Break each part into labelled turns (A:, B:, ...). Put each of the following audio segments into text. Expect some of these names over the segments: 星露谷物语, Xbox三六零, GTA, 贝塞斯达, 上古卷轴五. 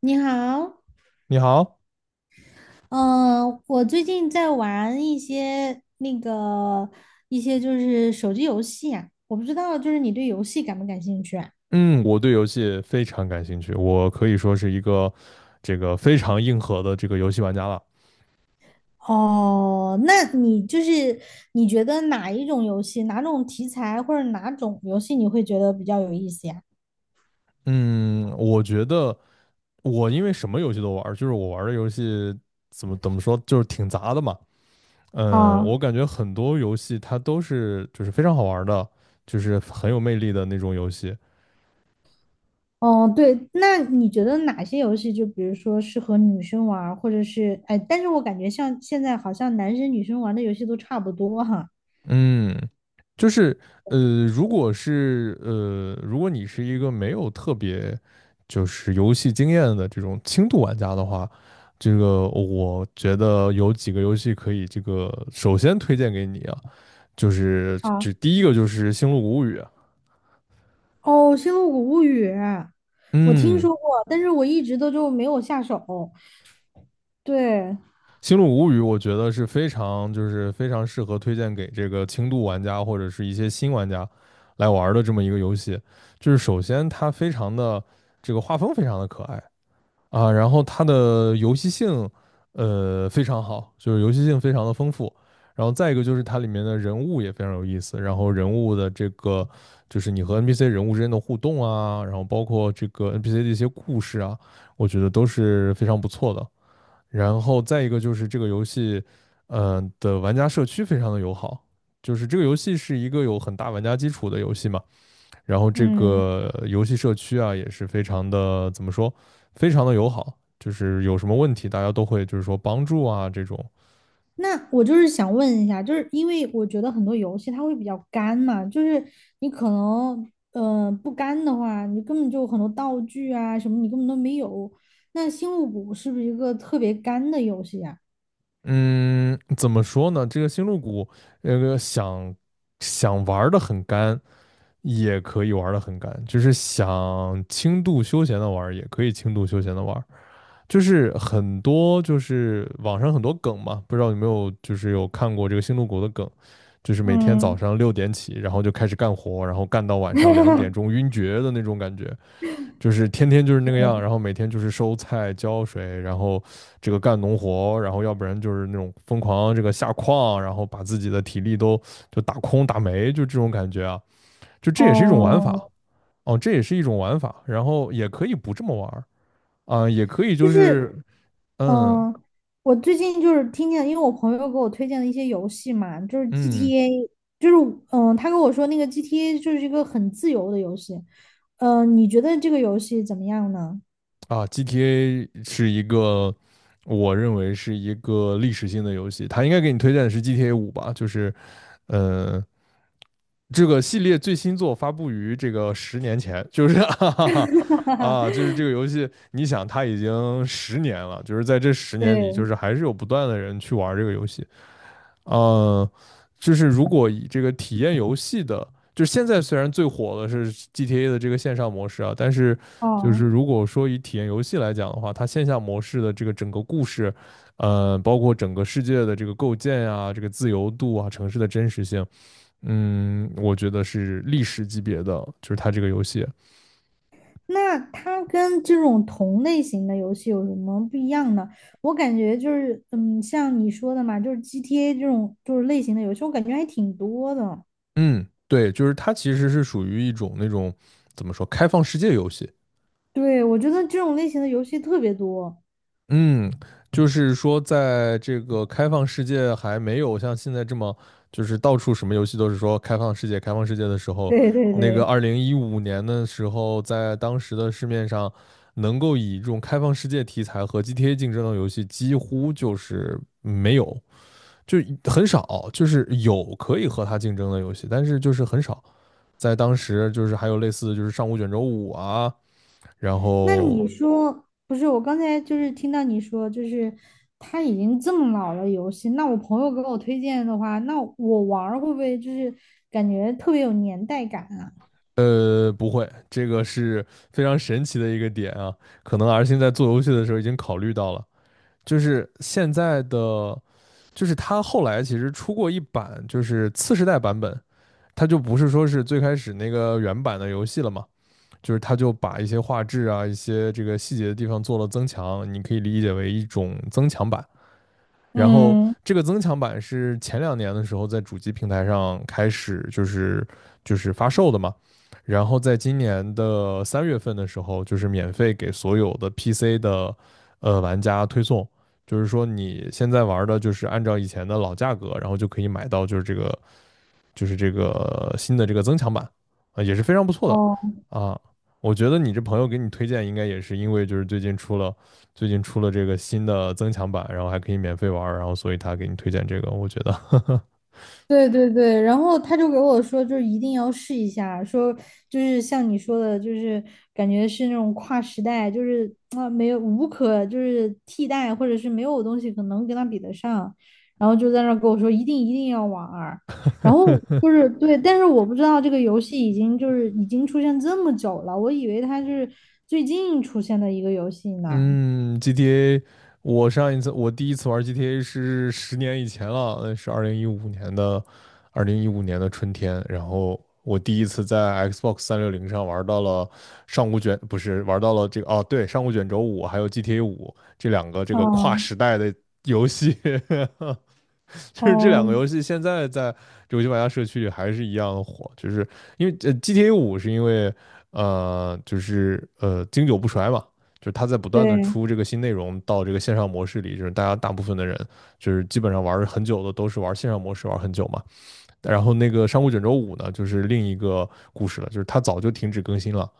A: 你好。
B: 你好。
A: 嗯、我最近在玩一些就是手机游戏啊，我不知道就是你对游戏感不感兴趣啊？
B: 嗯，我对游戏非常感兴趣，我可以说是一个这个非常硬核的这个游戏玩家了。
A: 哦，那你就是你觉得哪一种游戏、哪种题材或者哪种游戏你会觉得比较有意思呀？
B: 嗯，我觉得我因为什么游戏都玩儿，就是我玩儿的游戏怎么说，就是挺杂的嘛。
A: 啊。
B: 我感觉很多游戏它都是就是非常好玩儿的，就是很有魅力的那种游戏。
A: 哦，对，那你觉得哪些游戏就比如说适合女生玩儿或者是哎，但是我感觉像现在好像男生女生玩的游戏都差不多哈。
B: 嗯，就是如果你是一个没有特别就是游戏经验的这种轻度玩家的话，这个我觉得有几个游戏可以这个首先推荐给你啊，就第一个就是《星露谷物语》啊。
A: 哦，《星露谷物语》，我听
B: 嗯，
A: 说过，但是我一直都就没有下手。对。
B: 《星露谷物语》我觉得是非常适合推荐给这个轻度玩家或者是一些新玩家来玩儿的这么一个游戏。就是首先它非常的这个画风非常的可爱。啊，然后它的游戏性，非常好，就是游戏性非常的丰富。然后再一个就是它里面的人物也非常有意思，然后人物的这个就是你和 NPC 人物之间的互动啊，然后包括这个 NPC 的一些故事啊，我觉得都是非常不错的。然后再一个就是这个游戏的玩家社区非常的友好，就是这个游戏是一个有很大玩家基础的游戏嘛，然后这
A: 嗯，
B: 个游戏社区啊也是非常的怎么说，非常的友好，就是有什么问题大家都会就是说帮助啊这种。
A: 那我就是想问一下，就是因为我觉得很多游戏它会比较干嘛，就是你可能，不干的话，你根本就很多道具啊什么你根本都没有。那《星露谷》是不是一个特别干的游戏呀？
B: 嗯，怎么说呢？这个星露谷，那个想想玩的很干，也可以玩的很干。就是想轻度休闲的玩，也可以轻度休闲的玩。就是很多就是网上很多梗嘛，不知道有没有看过这个星露谷的梗，就是每天早
A: 嗯。
B: 上6点起，然后就开始干活，然后干到晚上两点 钟晕厥的那种感觉。就是天天就是那个样，然后每天就是收菜、浇水，然后这个干农活，然后要不然就是那种疯狂这个下矿，然后把自己的体力都打空打没，就这种感觉啊。就这也是一种玩
A: 哦，
B: 法。哦，这也是一种玩法，然后也可以不这么玩啊、也可以
A: 就
B: 就
A: 是
B: 是嗯。
A: 嗯，我最近就是听见，因为我朋友给我推荐了一些游戏嘛，就是
B: 嗯，
A: GTA,就是他跟我说那个 GTA 就是一个很自由的游戏。嗯，你觉得这个游戏怎么样呢？
B: 啊，GTA 是一个，我认为是一个历史性的游戏。它应该给你推荐的是 GTA 五吧，呃，这个系列最新作发布于这个10年前，就是 啊，就是这个游戏，你想它已经十年了，就是在这十年里，就
A: 对。
B: 是还是有不断的人去玩这个游戏。呃，就是如果以这个体验游戏的，就是现在虽然最火的是 GTA 的这个线上模式啊，但是就是
A: 哦，
B: 如果说以体验游戏来讲的话，它线下模式的这个整个故事，包括整个世界的这个构建啊，这个自由度啊，城市的真实性，我觉得是历史级别的，就是它这个游戏。
A: 那它跟这种同类型的游戏有什么不一样呢？我感觉就是，像你说的嘛，就是 GTA 这种就是类型的游戏，我感觉还挺多的。
B: 嗯，对，就是它其实是属于一种那种怎么说开放世界游戏。
A: 对，我觉得这种类型的游戏特别多。
B: 嗯，就是说，在这个开放世界还没有像现在这么，就是到处什么游戏都是说开放世界、开放世界的时候，
A: 对对
B: 那个
A: 对。
B: 二零一五年的时候，在当时的市面上，能够以这种开放世界题材和 GTA 竞争的游戏，几乎就是没有，就很少，就是有可以和它竞争的游戏，但是就是很少。在当时，就是还有类似，就是上古卷轴五啊，然
A: 那你
B: 后
A: 说，不是，我刚才就是听到你说，就是他已经这么老了游戏，那我朋友给我推荐的话，那我玩儿会不会就是感觉特别有年代感啊？
B: 不会，这个是非常神奇的一个点啊。可能 R 星在做游戏的时候已经考虑到了，就是现在的，就是它后来其实出过一版，就是次世代版本。它就不是说是最开始那个原版的游戏了嘛，就是它就把一些画质啊、一些这个细节的地方做了增强，你可以理解为一种增强版。然后
A: 嗯。
B: 这个增强版是前两年的时候在主机平台上开始就是发售的嘛，然后在今年的3月份的时候，就是免费给所有的 PC 的玩家推送，就是说你现在玩的就是按照以前的老价格，然后就可以买到就是这个新的这个增强版啊，也是非常不错
A: 哦，
B: 的啊。我觉得你这朋友给你推荐，应该也是因为就是最近出了这个新的增强版，然后还可以免费玩然后所以他给你推荐这个，我觉得
A: 对对对，然后他就给我说，就是一定要试一下，说就是像你说的，就是感觉是那种跨时代，就是啊没有无可就是替代，或者是没有东西可能跟他比得上，然后就在那儿跟我说一定一定要玩儿，然后就是对，但是我不知道这个游戏已经就是已经出现这么久了，我以为它是最近出现的一个游戏呢。
B: 嗯，GTA,我第一次玩 GTA 是10年以前了，那是二零一五年的，二零一五年的春天。然后我第一次在 Xbox 360上玩到了上古卷，不是玩到了这个，对，上古卷轴五还有 GTA 五这两个这个跨
A: 哦
B: 时代的游戏。就是这两个
A: 哦，
B: 游戏现在在游戏玩家社区里还是一样火，就是因为呃 GTA 五是因为经久不衰嘛，就是它在不断的
A: 对，
B: 出这个新内容到这个线上模式里，就是大家大部分的人就是基本上玩很久的都是玩线上模式玩很久嘛。然后那个上古卷轴五呢，就是另一个故事了，就是它早就停止更新了。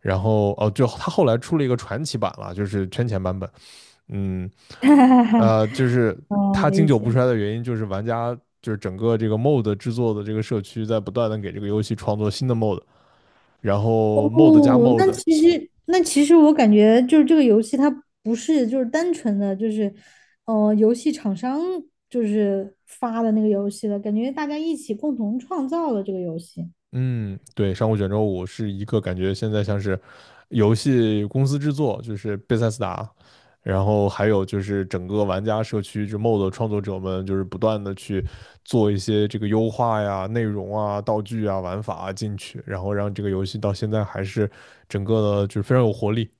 B: 然后就它后来出了一个传奇版了，就是圈钱版本。嗯，
A: 哈哈哈。
B: 就是
A: 哦，
B: 它
A: 理
B: 经久不
A: 解。
B: 衰的原因，就是玩家就是整个这个 mod 制作的这个社区在不断的给这个游戏创作新的 mod,然后 mod 加
A: 哦，那
B: mod。
A: 其实那其实我感觉就是这个游戏它不是就是单纯的就是，游戏厂商就是发的那个游戏了，感觉大家一起共同创造了这个游戏。
B: 嗯，对，上古卷轴五是一个感觉现在像是游戏公司制作，就是贝塞斯达，然后还有就是整个玩家社区，就 mod 创作者们就是不断的去做一些这个优化呀、内容啊、道具啊、玩法啊进去，然后让这个游戏到现在还是整个的就是非常有活力。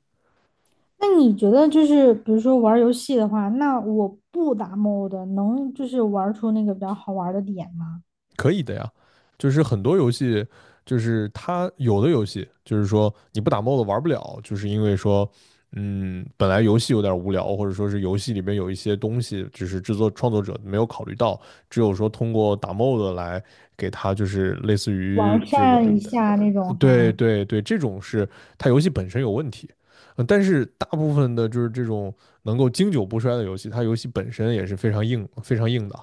A: 那你觉得就是比如说玩儿游戏的话，那我不打 mod 能就是玩儿出那个比较好玩儿的点吗？
B: 可以的呀，就是很多游戏，就是它有的游戏，就是说你不打 mod 玩不了，就是因为说，本来游戏有点无聊，或者说是游戏里面有一些东西，只是制作创作者没有考虑到，只有说通过打 mod 来给它，就是类似于
A: 完
B: 这个，
A: 善一下那种
B: 对
A: 哈。
B: 对对，这种是它游戏本身有问题。但是大部分的就是这种能够经久不衰的游戏，它游戏本身也是非常硬、非常硬的。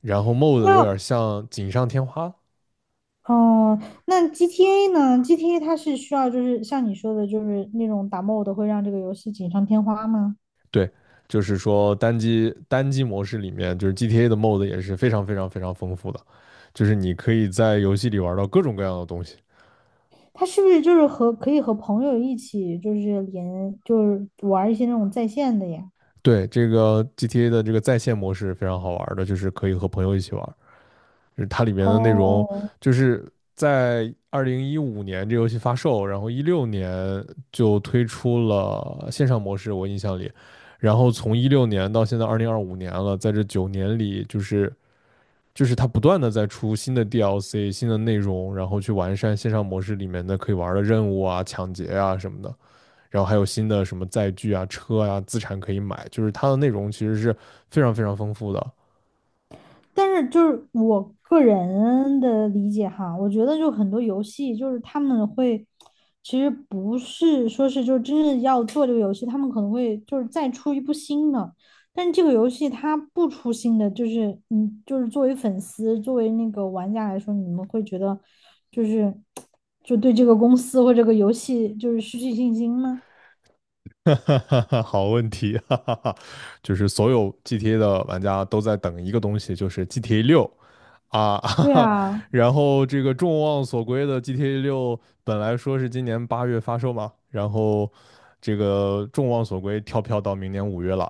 B: 然后 mode 有点
A: 那
B: 像锦上添花。
A: 哦，那 GTA 呢？GTA 它是需要就是像你说的，就是那种打 mod 会让这个游戏锦上添花吗？
B: 对，就是说单机模式里面，就是 GTA 的 mode 也是非常非常非常丰富的，就是你可以在游戏里玩到各种各样的东西。
A: 它是不是就是和可以和朋友一起就是连就是玩一些那种在线的呀？
B: 对，这个 GTA 的这个在线模式非常好玩的，就是可以和朋友一起玩。就是它里面的内容
A: 哦，
B: 就是在二零一五年这游戏发售，然后一六年就推出了线上模式，我印象里。然后从一六年到现在2025年了，在这9年里，就是它不断的在出新的 DLC、新的内容，然后去完善线上模式里面的可以玩的任务啊、抢劫啊什么的，然后还有新的什么载具啊、车啊、资产可以买，就是它的内容其实是非常非常丰富的。
A: 但是就是我个人的理解哈，我觉得就很多游戏就是他们会，其实不是说是就是真正要做这个游戏，他们可能会就是再出一部新的，但是这个游戏它不出新的，就是嗯，就是作为粉丝，作为那个玩家来说，你们会觉得就是就对这个公司或这个游戏就是失去信心吗？
B: 哈哈哈，好问题。哈哈哈。就是所有 GTA 的玩家都在等一个东西，就是 GTA 六啊。哈
A: 对
B: 哈。
A: 啊，啊
B: 然后这个众望所归的 GTA 六本来说是今年8月发售嘛，然后这个众望所归跳票到明年5月了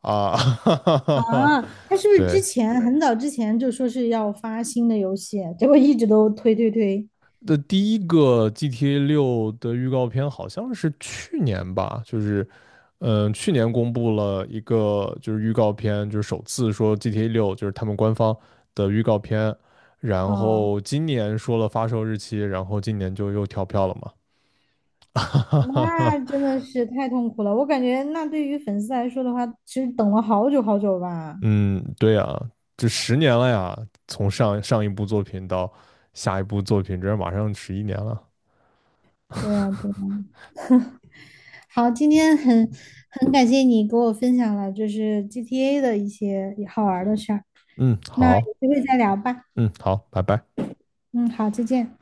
B: 啊。哈哈哈。
A: 他是不是之
B: 对，
A: 前很早之前就说是要发新的游戏，结果一直都推推推？
B: 第一个 GTA 六的预告片好像是去年吧，就是去年公布了一个就是预告片，就是首次说 GTA 六就是他们官方的预告片。然
A: 嗯。
B: 后今年说了发售日期，然后今年就又跳票了嘛。哈哈哈。
A: 那真的是太痛苦了。我感觉，那对于粉丝来说的话，其实等了好久好久吧。
B: 嗯，对呀，这十年了呀，从上上一部作品到下一部作品，这马上11年了。
A: 对呀，对呀。好，今天很感谢你给我分享了就是 GTA 的一些好玩儿的事儿。
B: 嗯，
A: 那
B: 好。
A: 有机会再聊吧。
B: 嗯，好，拜拜。
A: 嗯，好，再见。